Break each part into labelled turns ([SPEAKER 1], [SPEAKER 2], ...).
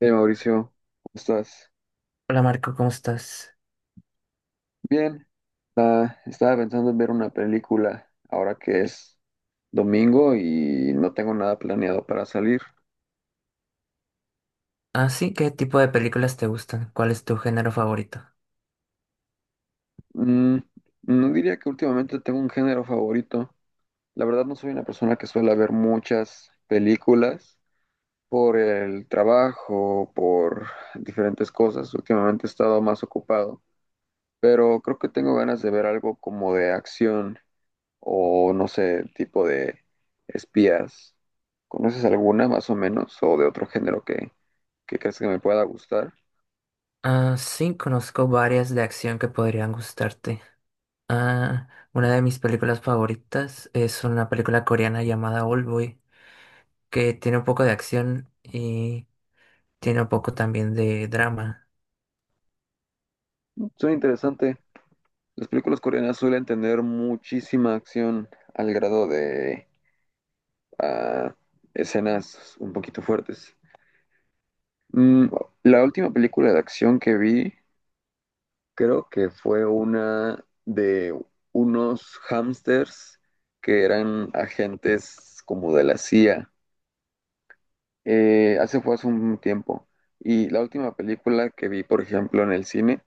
[SPEAKER 1] Hey Mauricio, ¿cómo estás?
[SPEAKER 2] Hola Marco, ¿cómo estás?
[SPEAKER 1] Bien, estaba pensando en ver una película ahora que es domingo y no tengo nada planeado para salir.
[SPEAKER 2] Ah, sí, ¿qué tipo de películas te gustan? ¿Cuál es tu género favorito?
[SPEAKER 1] Mm, no diría que últimamente tengo un género favorito. La verdad no soy una persona que suele ver muchas películas por el trabajo, por diferentes cosas. Últimamente he estado más ocupado, pero creo que tengo ganas de ver algo como de acción, o no sé, tipo de espías. ¿Conoces alguna más o menos o de otro género que crees que me pueda gustar?
[SPEAKER 2] Ah, sí, conozco varias de acción que podrían gustarte. Ah, una de mis películas favoritas es una película coreana llamada Oldboy que tiene un poco de acción y tiene un poco también de drama.
[SPEAKER 1] Suena interesante. Las películas coreanas suelen tener muchísima acción al grado de ah, escenas un poquito fuertes. Mm, la última película de acción que vi creo que fue una de unos hamsters que eran agentes como de la CIA. Hace Fue hace un tiempo. Y la última película que vi, por ejemplo, en el cine,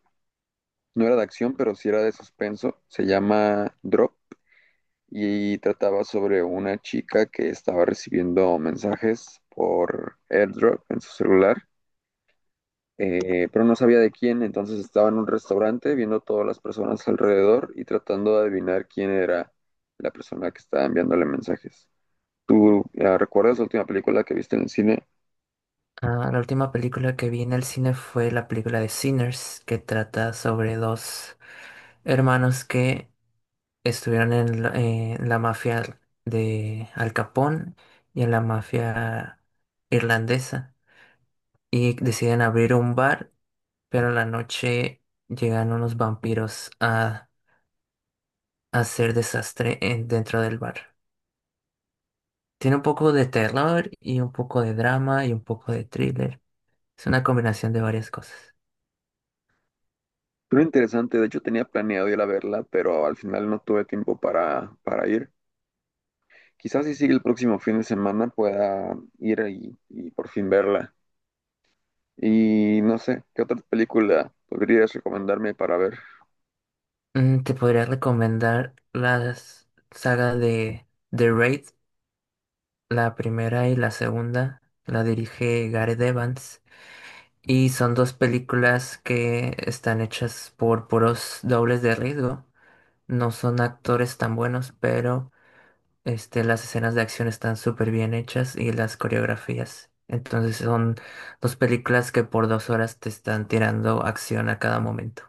[SPEAKER 1] no era de acción, pero sí era de suspenso. Se llama Drop y trataba sobre una chica que estaba recibiendo mensajes por AirDrop en su celular, pero no sabía de quién. Entonces estaba en un restaurante viendo todas las personas alrededor y tratando de adivinar quién era la persona que estaba enviándole mensajes. ¿Tú recuerdas la última película que viste en el cine?
[SPEAKER 2] Ah, la última película que vi en el cine fue la película de Sinners, que trata sobre dos hermanos que estuvieron en la mafia de Al Capone y en la mafia irlandesa y deciden abrir un bar, pero en la noche llegan unos vampiros a hacer desastre dentro del bar. Tiene un poco de terror y un poco de drama y un poco de thriller. Es una combinación de varias cosas.
[SPEAKER 1] Muy interesante, de hecho tenía planeado ir a verla, pero al final no tuve tiempo para ir. Quizás si sigue el próximo fin de semana pueda ir y por fin verla. Y no sé, ¿qué otra película podrías recomendarme para ver?
[SPEAKER 2] Mm, te podría recomendar la saga de The Raid, la primera y la segunda. La dirige Gareth Evans. Y son dos películas que están hechas por puros dobles de riesgo. No son actores tan buenos, pero las escenas de acción están súper bien hechas y las coreografías. Entonces son dos películas que por 2 horas te están tirando acción a cada momento.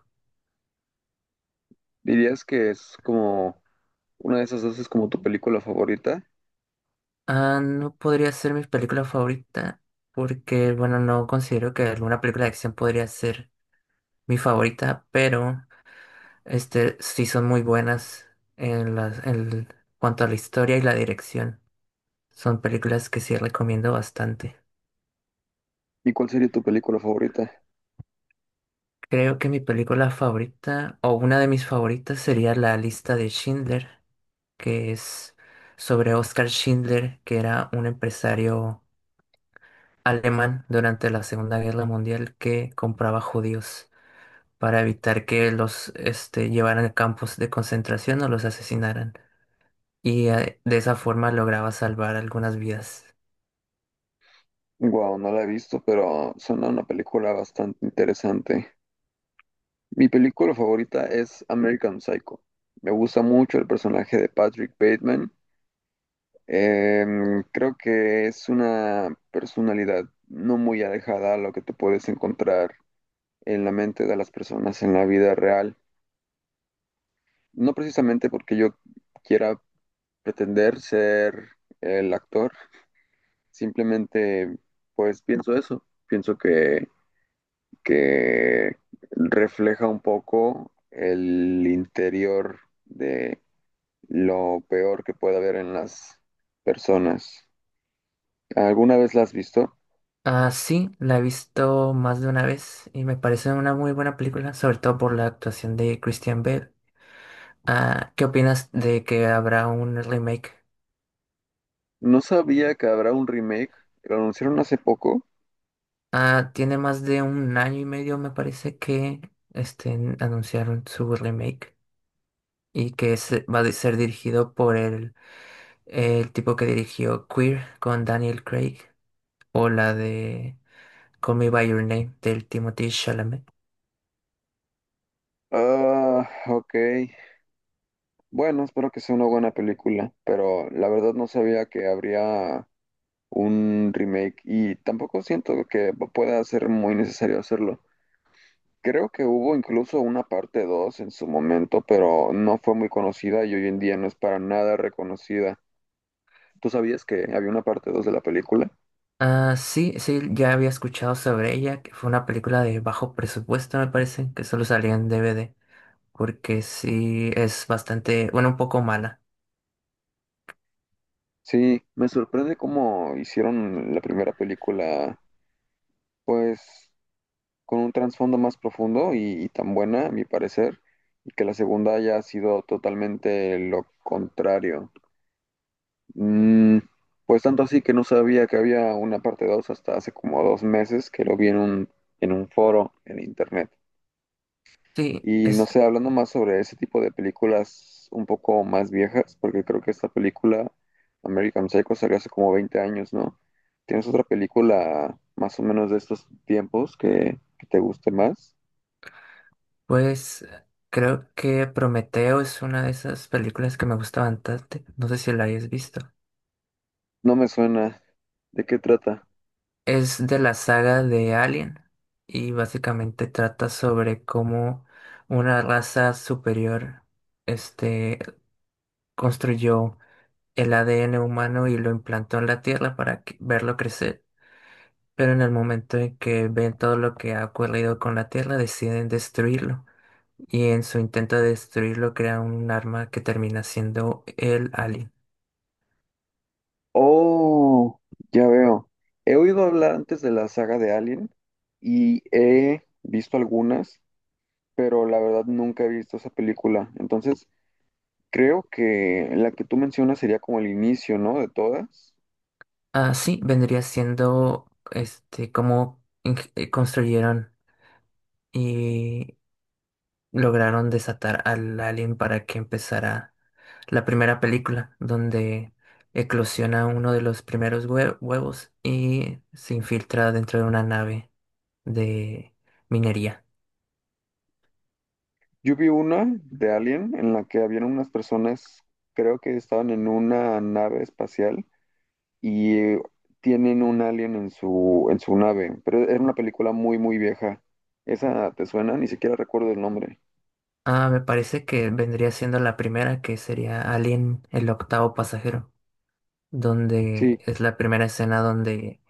[SPEAKER 1] ¿Dirías que es como una de esas dos es como tu película favorita?
[SPEAKER 2] Ah, no podría ser mi película favorita porque, bueno, no considero que alguna película de acción podría ser mi favorita, pero sí son muy buenas en cuanto a la historia y la dirección. Son películas que sí recomiendo bastante.
[SPEAKER 1] ¿Y cuál sería tu película favorita?
[SPEAKER 2] Creo que mi película favorita, o una de mis favoritas, sería La lista de Schindler, que es sobre Oskar Schindler, que era un empresario alemán durante la Segunda Guerra Mundial que compraba judíos para evitar que llevaran a campos de concentración o los asesinaran. Y de esa forma lograba salvar algunas vidas.
[SPEAKER 1] Wow, no la he visto, pero suena una película bastante interesante. Mi película favorita es American Psycho. Me gusta mucho el personaje de Patrick Bateman. Creo que es una personalidad no muy alejada a lo que te puedes encontrar en la mente de las personas en la vida real. No precisamente porque yo quiera pretender ser el actor, simplemente pues pienso eso, pienso que refleja un poco el interior de lo peor que puede haber en las personas. ¿Alguna vez la has visto?
[SPEAKER 2] Ah, sí, la he visto más de una vez y me parece una muy buena película, sobre todo por la actuación de Christian Bale. Ah, ¿qué opinas de que habrá un remake?
[SPEAKER 1] No sabía que habrá un remake. Lo anunciaron hace poco.
[SPEAKER 2] Ah, tiene más de un año y medio, me parece, que este, anunciaron su remake y que va a ser dirigido por el tipo que dirigió Queer con Daniel Craig o la de Call Me By Your Name del Timothée Chalamet.
[SPEAKER 1] Ah, ok. Bueno, espero que sea una buena película, pero la verdad no sabía que habría un remake y tampoco siento que pueda ser muy necesario hacerlo. Creo que hubo incluso una parte 2 en su momento, pero no fue muy conocida y hoy en día no es para nada reconocida. ¿Tú sabías que había una parte dos de la película?
[SPEAKER 2] Ah, sí, sí, ya había escuchado sobre ella, que fue una película de bajo presupuesto, me parece, que solo salía en DVD, porque sí es bastante, bueno, un poco mala.
[SPEAKER 1] Sí, me sorprende cómo hicieron la primera película, pues con un trasfondo más profundo y tan buena, a mi parecer, y que la segunda haya sido totalmente lo contrario. Mm, pues tanto así que no sabía que había una parte 2 hasta hace como dos meses que lo vi en un foro en internet.
[SPEAKER 2] Sí,
[SPEAKER 1] Y no
[SPEAKER 2] es,
[SPEAKER 1] sé, hablando más sobre ese tipo de películas un poco más viejas, porque creo que esta película, American Psycho, salió hace como 20 años, ¿no? ¿Tienes otra película más o menos de estos tiempos que te guste más?
[SPEAKER 2] pues, creo que Prometeo es una de esas películas que me gusta bastante, no sé si la hayas visto.
[SPEAKER 1] No me suena. ¿De qué trata?
[SPEAKER 2] Es de la saga de Alien y básicamente trata sobre cómo una raza superior, este, construyó el ADN humano y lo implantó en la Tierra para verlo crecer. Pero en el momento en que ven todo lo que ha ocurrido con la Tierra, deciden destruirlo. Y en su intento de destruirlo, crean un arma que termina siendo el alien.
[SPEAKER 1] Oh, ya veo. He oído hablar antes de la saga de Alien y he visto algunas, pero la verdad nunca he visto esa película. Entonces, creo que la que tú mencionas sería como el inicio, ¿no? De todas.
[SPEAKER 2] Ah, sí, vendría siendo cómo construyeron y lograron desatar al alien para que empezara la primera película, donde eclosiona uno de los primeros huevos y se infiltra dentro de una nave de minería.
[SPEAKER 1] Yo vi una de Alien en la que habían unas personas, creo que estaban en una nave espacial y tienen un alien en su nave, pero era una película muy, muy vieja. ¿Esa te suena? Ni siquiera recuerdo el nombre.
[SPEAKER 2] Ah, me parece que vendría siendo la primera, que sería Alien, el octavo pasajero, donde
[SPEAKER 1] Sí,
[SPEAKER 2] es la primera escena donde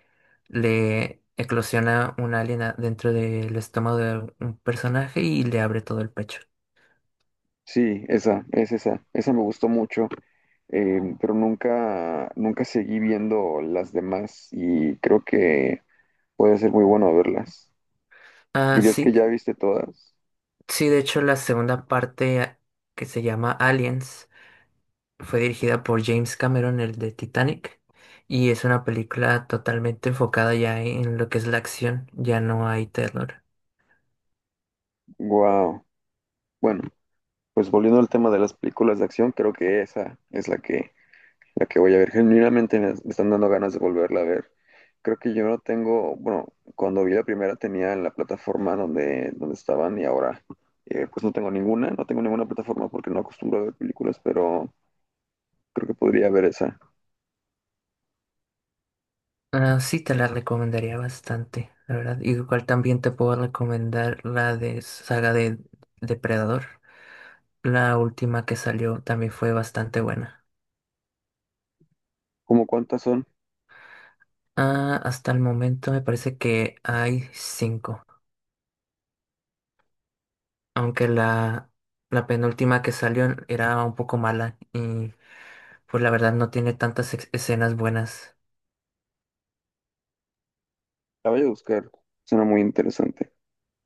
[SPEAKER 2] le eclosiona un alien dentro del estómago de un personaje y le abre todo el pecho.
[SPEAKER 1] sí, esa, es esa. Esa me gustó mucho, pero nunca, nunca seguí viendo las demás y creo que puede ser muy bueno verlas.
[SPEAKER 2] Ah,
[SPEAKER 1] ¿Dirías
[SPEAKER 2] sí,
[SPEAKER 1] que ya viste todas?
[SPEAKER 2] sí, de hecho la segunda parte que se llama Aliens. Fue dirigida por James Cameron, el de Titanic, y es una película totalmente enfocada ya en lo que es la acción, ya no hay terror.
[SPEAKER 1] Wow. Bueno, pues volviendo al tema de las películas de acción, creo que esa es la que voy a ver. Genuinamente me están dando ganas de volverla a ver. Creo que yo no tengo, bueno, cuando vi la primera tenía la plataforma donde estaban y ahora pues no tengo ninguna, plataforma porque no acostumbro a ver películas, pero creo que podría ver esa.
[SPEAKER 2] Ah, sí, te la recomendaría bastante, la verdad. Igual también te puedo recomendar la de saga de Depredador. La última que salió también fue bastante buena.
[SPEAKER 1] ¿Cómo cuántas son?
[SPEAKER 2] Ah, hasta el momento me parece que hay cinco, aunque la penúltima que salió era un poco mala y pues la verdad no tiene tantas escenas buenas.
[SPEAKER 1] La voy a buscar, suena muy interesante.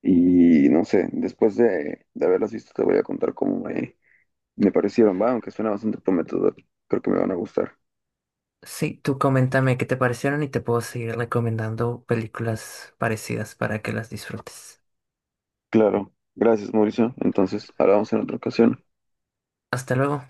[SPEAKER 1] Y no sé, después de haberlas visto te voy a contar cómo me parecieron, va, aunque suena bastante prometedor, creo que me van a gustar.
[SPEAKER 2] Sí, tú coméntame qué te parecieron y te puedo seguir recomendando películas parecidas para que las disfrutes.
[SPEAKER 1] Claro, gracias Mauricio, entonces hablamos en otra ocasión.
[SPEAKER 2] Hasta luego.